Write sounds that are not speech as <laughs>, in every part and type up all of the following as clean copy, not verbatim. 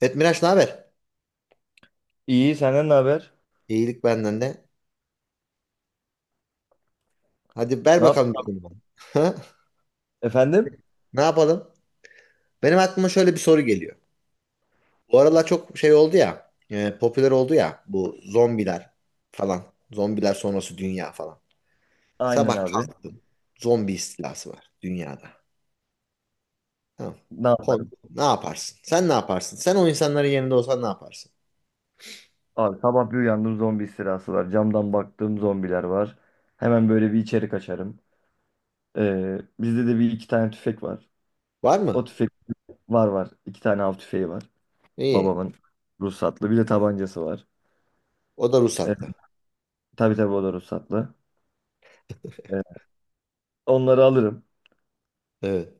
Evet Miraç ne haber? İyi, senden ne haber? İyilik benden de. Hadi ver Ne yap? bakalım bir konu bana. <laughs> Ha? Efendim? Ne yapalım? Benim aklıma şöyle bir soru geliyor. Bu aralar çok şey oldu ya, popüler oldu ya bu zombiler falan. Zombiler sonrası dünya falan. Aynen Sabah abi. kalktım. Zombi istilası var dünyada. Tamam. Ne Konu, yaparım? ne yaparsın? Sen ne yaparsın? Sen o insanların yerinde olsan ne yaparsın? Abi sabah bir uyandım, zombi istilası var. Camdan baktığım zombiler var. Hemen böyle bir içeri kaçarım. Bizde de bir iki tane tüfek var. Var O mı? tüfek var. İki tane av tüfeği var. İyi. Babamın ruhsatlı. Bir de tabancası var. O da Ee, ruhsatlı. tabii tabii o da ruhsatlı. Ee, Onları alırım. Evet.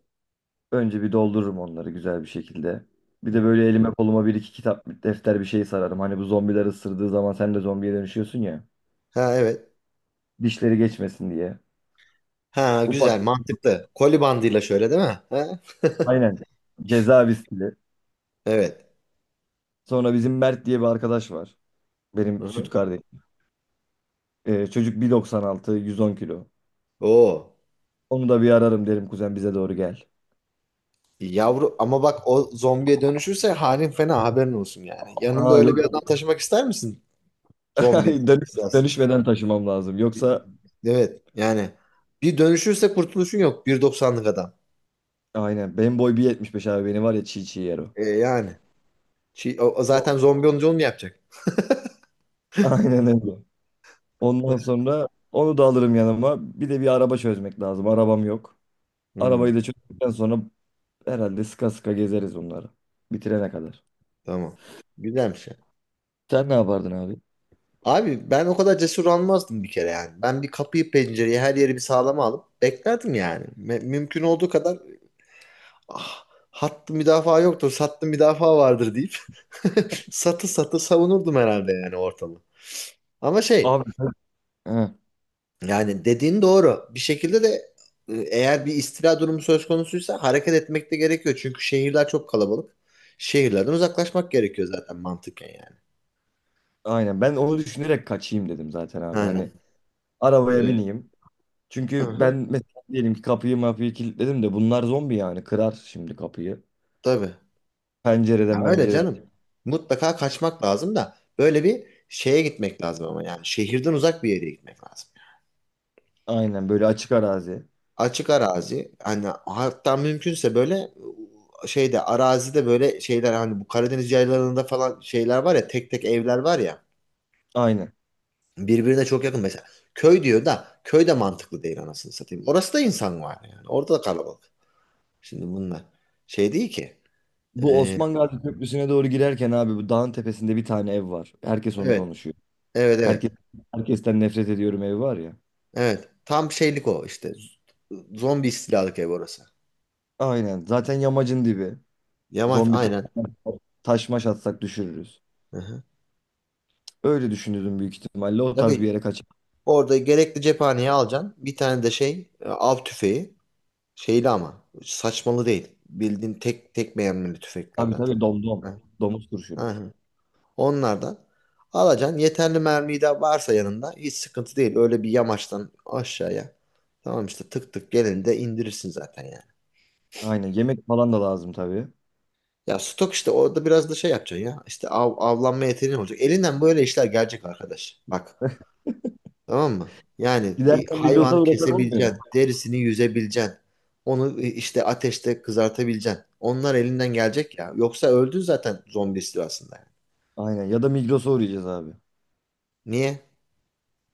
Önce bir doldururum onları güzel bir şekilde. Bir de böyle elime koluma bir iki kitap, defter bir şey sararım. Hani bu zombiler ısırdığı zaman sen de zombiye dönüşüyorsun ya. Ha evet. Dişleri geçmesin diye. Ha Ufak güzel mantıklı. Koli bandıyla şöyle değil mi? Ha? <laughs> aynen ceza viskili. Evet. Sonra bizim Mert diye bir arkadaş var. Benim süt Hı-hı. kardeşim. Çocuk 1.96 110 kilo. Oo. Onu da bir ararım, derim kuzen bize doğru gel. Yavru ama bak o zombiye dönüşürse halin fena haberin olsun yani. Yanında Aa, öyle yok bir adam yok. taşımak ister misin? Zombi. <laughs> Dönüş, İsterseniz. dönüşmeden taşımam lazım. Yoksa Evet yani bir dönüşürse kurtuluşun yok bir doksanlık adam. aynen benim boy 1.75 abi, beni var ya çiğ çiğ yer o. Yani Şey, o zaten zombi olunca onu mu yapacak? Aynen öyle. Ondan sonra onu da alırım yanıma. Bir de bir araba çözmek lazım. Arabam yok. Hmm, Arabayı da çözdükten sonra herhalde sıka sıka gezeriz onları. Bitirene kadar. tamam. Güzelmiş ya. Sen ne yapardın abi? Abi ben o kadar cesur almazdım bir kere yani. Ben bir kapıyı pencereyi her yeri bir sağlama alıp beklerdim yani. Mümkün olduğu kadar ah, hattı müdafaa yoktur, sattı müdafaa vardır deyip <laughs> satı satı savunurdum herhalde yani ortamı. Ama şey Abi, heh, yani dediğin doğru. Bir şekilde de eğer bir istila durumu söz konusuysa hareket etmek de gerekiyor. Çünkü şehirler çok kalabalık. Şehirlerden uzaklaşmak gerekiyor zaten mantıken yani. aynen ben onu düşünerek kaçayım dedim zaten abi. Aynen. Hani arabaya Ee, bineyim. Çünkü ben hı mesela diyelim ki kapıyı mapıyı kilitledim de bunlar zombi yani kırar şimdi kapıyı. tabii. Ya Pencereden öyle pencereden. canım. Mutlaka kaçmak lazım da böyle bir şeye gitmek lazım ama yani şehirden uzak bir yere gitmek lazım. Aynen böyle açık arazi. Açık arazi hani hatta mümkünse böyle şeyde arazide böyle şeyler hani bu Karadeniz yaylalarında falan şeyler var ya tek tek evler var ya Aynen. birbirine çok yakın mesela köy diyor da köy de mantıklı değil anasını satayım. Orası da insan var yani orada da kalabalık. Şimdi bunlar şey değil ki. Bu Ee, Osman Gazi Köprüsü'ne doğru girerken abi bu dağın tepesinde bir tane ev var. Herkes onu evet konuşuyor. evet Herkes evet herkesten nefret ediyorum evi var ya. evet tam şeylik o işte zombi istilalık ev orası. Aynen. Zaten yamacın dibi. Yamaç Zombi aynen. taş maş atsak düşürürüz. Hı hı. Öyle düşünüyordum büyük ihtimalle. O tarz bir Tabii yere kaçar. orada gerekli cephaneyi alacaksın bir tane de şey av tüfeği. Şeyli ama saçmalı değil. Bildiğin tek tek mermili Tabii tüfeklerden tabii, tamam. Ha, domdom. Domuz ha, kurşunu. ha. Onlardan alacaksın. Yeterli mermi de varsa yanında hiç sıkıntı değil. Öyle bir yamaçtan aşağıya. Tamam işte tık tık gelinde indirirsin zaten yani. Aynen. Yemek falan da lazım tabii. Ya stok işte orada biraz da şey yapacaksın ya. İşte avlanma yeteneğin olacak. Elinden böyle işler gelecek arkadaş. Bak. Tamam mı? Yani bir Giderken Migros'a hayvan uğrasak olmuyor mu? kesebileceksin, derisini yüzebileceksin. Onu işte ateşte kızartabileceksin. Onlar elinden gelecek ya. Yoksa öldün zaten zombi istilasında yani. Aynen. Ya da Migros'a uğrayacağız abi. Niye?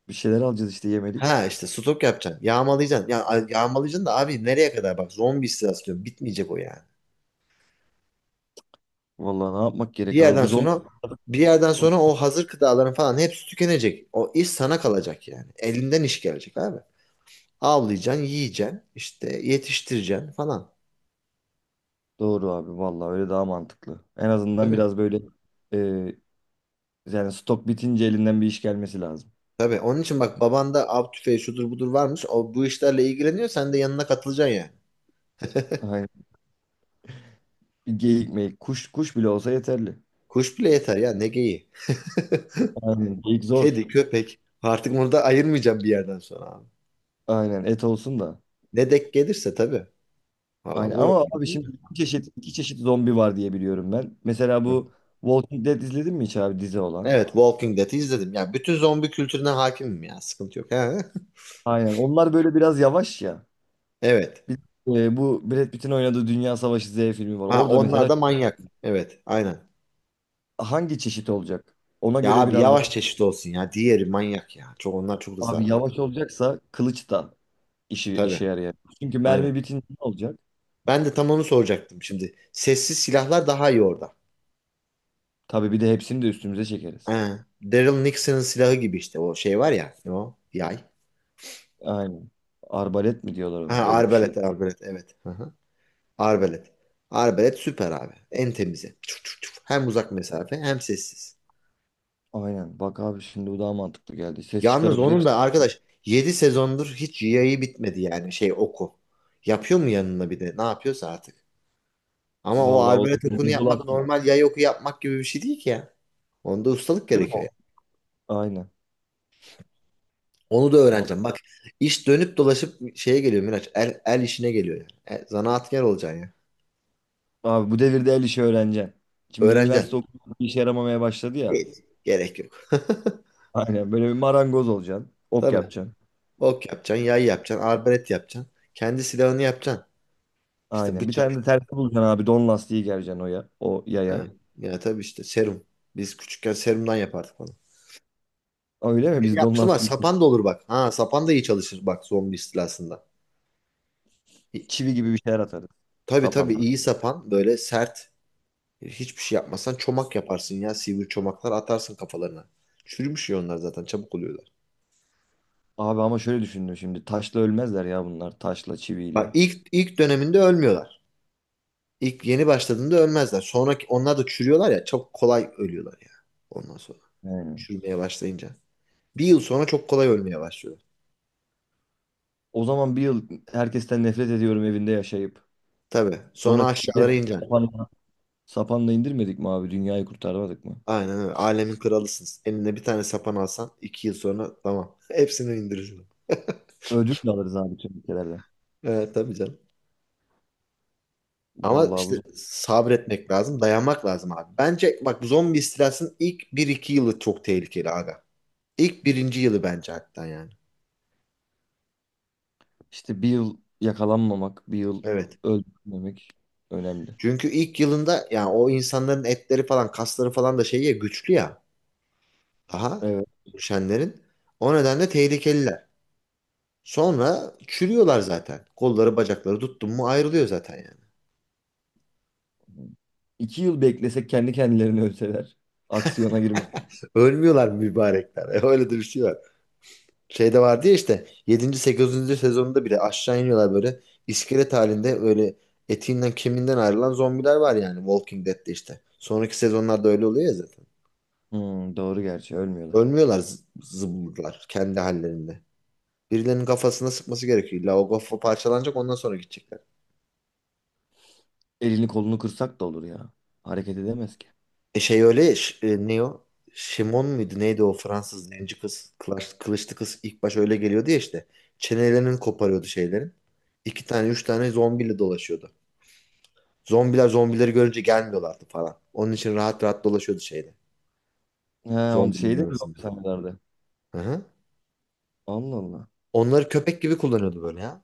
Bir şeyler alacağız işte, yemedik. Ha işte stok yapacaksın. Yağmalayacaksın. Ya, yağmalayacaksın da abi nereye kadar bak zombi istilası diyorum. Bitmeyecek o yani. Vallahi ne yapmak Bir gerek abi? yerden Bu zombi... sonra bir yerden sonra o hazır gıdaların falan hepsi tükenecek. O iş sana kalacak yani. Elinden iş gelecek abi. Avlayacaksın, yiyeceksin, işte yetiştireceksin falan. Doğru abi. Vallahi öyle daha mantıklı. En azından Tabii. biraz böyle, e, yani stok bitince elinden bir iş gelmesi lazım. Tabii onun için bak babanda av tüfeği şudur budur varmış. O bu işlerle ilgileniyor. Sen de yanına katılacaksın yani. Aynen. Bir geyik meyik. Kuş bile olsa yeterli. Kuş bile yeter ya ne geyiği. Aynen. Geyik zor. Kedi, köpek. Artık bunu da ayırmayacağım bir yerden sonra abi. Aynen. Et olsun da. Ne denk gelirse tabii. Valla Aynen ama vurabildim abi değil şimdi mi? iki çeşit zombi var diye biliyorum ben. Mesela Hı. bu Walking Dead izledin mi hiç abi, dizi olan? Evet Walking Dead'i izledim. Ya bütün zombi kültürüne hakimim ya. Sıkıntı yok. Ha? <laughs> Aynen. Onlar böyle biraz yavaş ya. Evet. Bir, bu Brad Pitt'in oynadığı Dünya Savaşı Z filmi var. Ha Orada onlar mesela da manyak. Evet aynen. hangi çeşit olacak? Ona Ya göre abi biraz daha yavaş çeşit olsun ya. Diğeri manyak ya. Onlar çok hızlı abi hareket ediyor. yavaş olacaksa kılıç da işi Tabii. işe yarayacak. Çünkü mermi Aynen. bitince ne olacak? Ben de tam onu soracaktım şimdi. Sessiz silahlar daha iyi orada. Tabii bir de hepsini de üstümüze çekeriz. Ha, Daryl Nixon'ın silahı gibi işte o şey var ya ne o yay. Aynen. Arbalet mi diyorlar Ha, ona, öyle bir şey. arbalet arbalet evet. Hı hı. Arbalet. Arbalet süper abi. En temizi. Çuf çuf çuf. Hem uzak mesafe hem sessiz. Aynen. Bak abi şimdi bu daha mantıklı geldi. Ses Yalnız çıkarıp onun hepsi... da arkadaş 7 sezondur hiç yayı bitmedi yani şey oku. Yapıyor mu yanına bir de ne yapıyorsa artık. Ama o Vallahi arbalet okunu yapmak olabilir. normal yay oku yapmak gibi bir şey değil ki ya. Onda ustalık Değil mi gerekiyor o? ya. Aynen. Onu da Vallahi. öğreneceğim. Bak iş dönüp dolaşıp şeye geliyor Miraç. El işine geliyor yani. Zanaatkar olacaksın. Abi bu devirde el işi öğreneceksin. Şimdi üniversite Öğreneceksin. okumak bir işe yaramamaya başladı ya. Evet. Gerek yok. Aynen böyle bir marangoz olacaksın. <laughs> Ok Tabii. yapacaksın. Ok yapacaksın, yay yapacaksın, arbalet yapacaksın. Kendi silahını yapacaksın. İşte Aynen. Bir tane de bıçak. tersi bulacaksın abi. Don lastiği gereceksin o, ya, o Ha. yaya. Ya tabii işte serum. Biz küçükken serumdan yapardık onu. Öyle mi? Benim Biz don yapmıştım ama lastiği sapan da olur bak. Ha sapan da iyi çalışır bak zombi istilasında. İ- çivi gibi bir şeyler atarız. Tabii tabii Sapanla. iyi sapan böyle sert. Hiçbir şey yapmazsan çomak yaparsın ya. Sivri çomaklar atarsın kafalarına. Çürümüş ya onlar zaten çabuk oluyorlar. Abi ama şöyle düşündüm şimdi. Taşla ölmezler ya bunlar. Taşla, Bak çiviyle. ilk döneminde ölmüyorlar. İlk yeni başladığında ölmezler. Sonraki onlar da çürüyorlar ya çok kolay ölüyorlar ya. Ondan sonra Aynen. çürümeye başlayınca. Bir yıl sonra çok kolay ölmeye başlıyor. O zaman bir yıl herkesten nefret ediyorum evinde yaşayıp. Tabii. Sonra Sonra aşağılara hepsini ineceksin. sapanla, sapanla indirmedik mi abi? Dünyayı kurtarmadık mı? Aynen öyle. Alemin kralısınız. Eline bir tane sapan alsan 2 yıl sonra tamam. <laughs> Hepsini indirirsin. Ödül de alırız abi tüm ülkelerden. Evet tabii canım. Ama Vallahi bu işte zor. sabretmek lazım. Dayanmak lazım abi. Bence bak zombi istilasının ilk bir iki yılı çok tehlikeli aga. İlk birinci yılı bence hatta yani. İşte bir yıl yakalanmamak, bir yıl Evet. öldürmemek önemli. Çünkü ilk yılında yani o insanların etleri falan kasları falan da şey ya güçlü ya daha Evet. düşenlerin. O nedenle tehlikeliler. Sonra çürüyorlar zaten. Kolları bacakları tuttun mu ayrılıyor zaten yani. İki yıl beklesek kendi kendilerini ölseler. Aksiyona girmek. Ölmüyorlar mübarekler. <laughs> Öyle de bir şey var. Şeyde vardı ya işte yedinci sekizinci sezonunda bile aşağı iniyorlar böyle iskelet halinde öyle etinden kemiğinden ayrılan zombiler var yani Walking Dead'de işte. Sonraki sezonlarda öyle oluyor ya zaten. Hmm, doğru, gerçi ölmüyorlar. Ölmüyorlar zımbırlar kendi hallerinde. Birilerinin kafasına sıkması gerekiyor. İlla o kafa parçalanacak ondan sonra gidecekler. Elini kolunu kırsak da olur ya. Hareket edemez ki. E şey öyle ya, ne o? Şimon muydu neydi o Fransız zenci kız kılıçlı kız ilk baş öyle geliyordu ya işte. Çenelerini koparıyordu şeylerin. İki tane üç tane zombiyle dolaşıyordu. Zombiler zombileri görünce gelmiyorlardı falan. Onun için rahat rahat dolaşıyordu şeyde. He, onu Zombilerin şeyde mi <laughs> arasında. zombi sahnelerde? Hı hı. Allah Allah. Onları köpek gibi kullanıyordu böyle ya.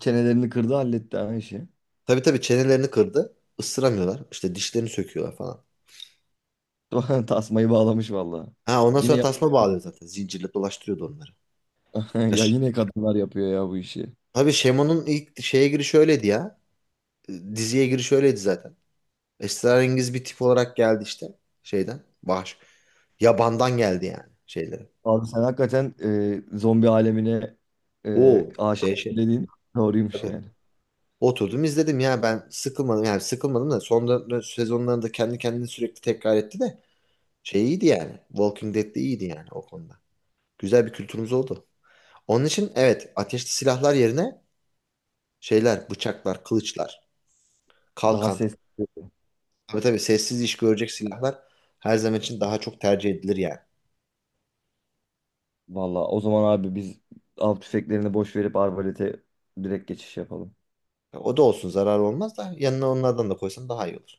Çenelerini kırdı, halletti ha işi. Tabii tabii çenelerini kırdı. Isıramıyorlar. İşte dişlerini söküyorlar falan. <laughs> Tasmayı bağlamış vallahi. Ha ondan Yine sonra ya, tasma bağlıyor zaten. Zincirle dolaştırıyordu onları. <laughs> ya yine kadınlar yapıyor ya bu işi. Abi Şemo'nun ilk şeye girişi öyleydi ya. Diziye girişi öyleydi zaten. Esrarengiz bir tip olarak geldi işte şeyden. Baş. Yabandan geldi yani şeyleri. Abi sen hakikaten zombi alemine Oo aşık dehşet. dediğin doğruymuş Tabii. yani. Oturdum izledim ya ben sıkılmadım yani sıkılmadım da son sezonlarında kendi kendini sürekli tekrar etti de şey iyiydi yani. Walking Dead de iyiydi yani o konuda. Güzel bir kültürümüz oldu. Onun için evet ateşli silahlar yerine şeyler bıçaklar, kılıçlar, Daha kalkan. sesli. Tabii tabii sessiz iş görecek silahlar her zaman için daha çok tercih edilir yani. Valla o zaman abi biz av tüfeklerini boş verip arbalete direkt geçiş yapalım. O da olsun zarar olmaz da yanına onlardan da koysan daha iyi olur.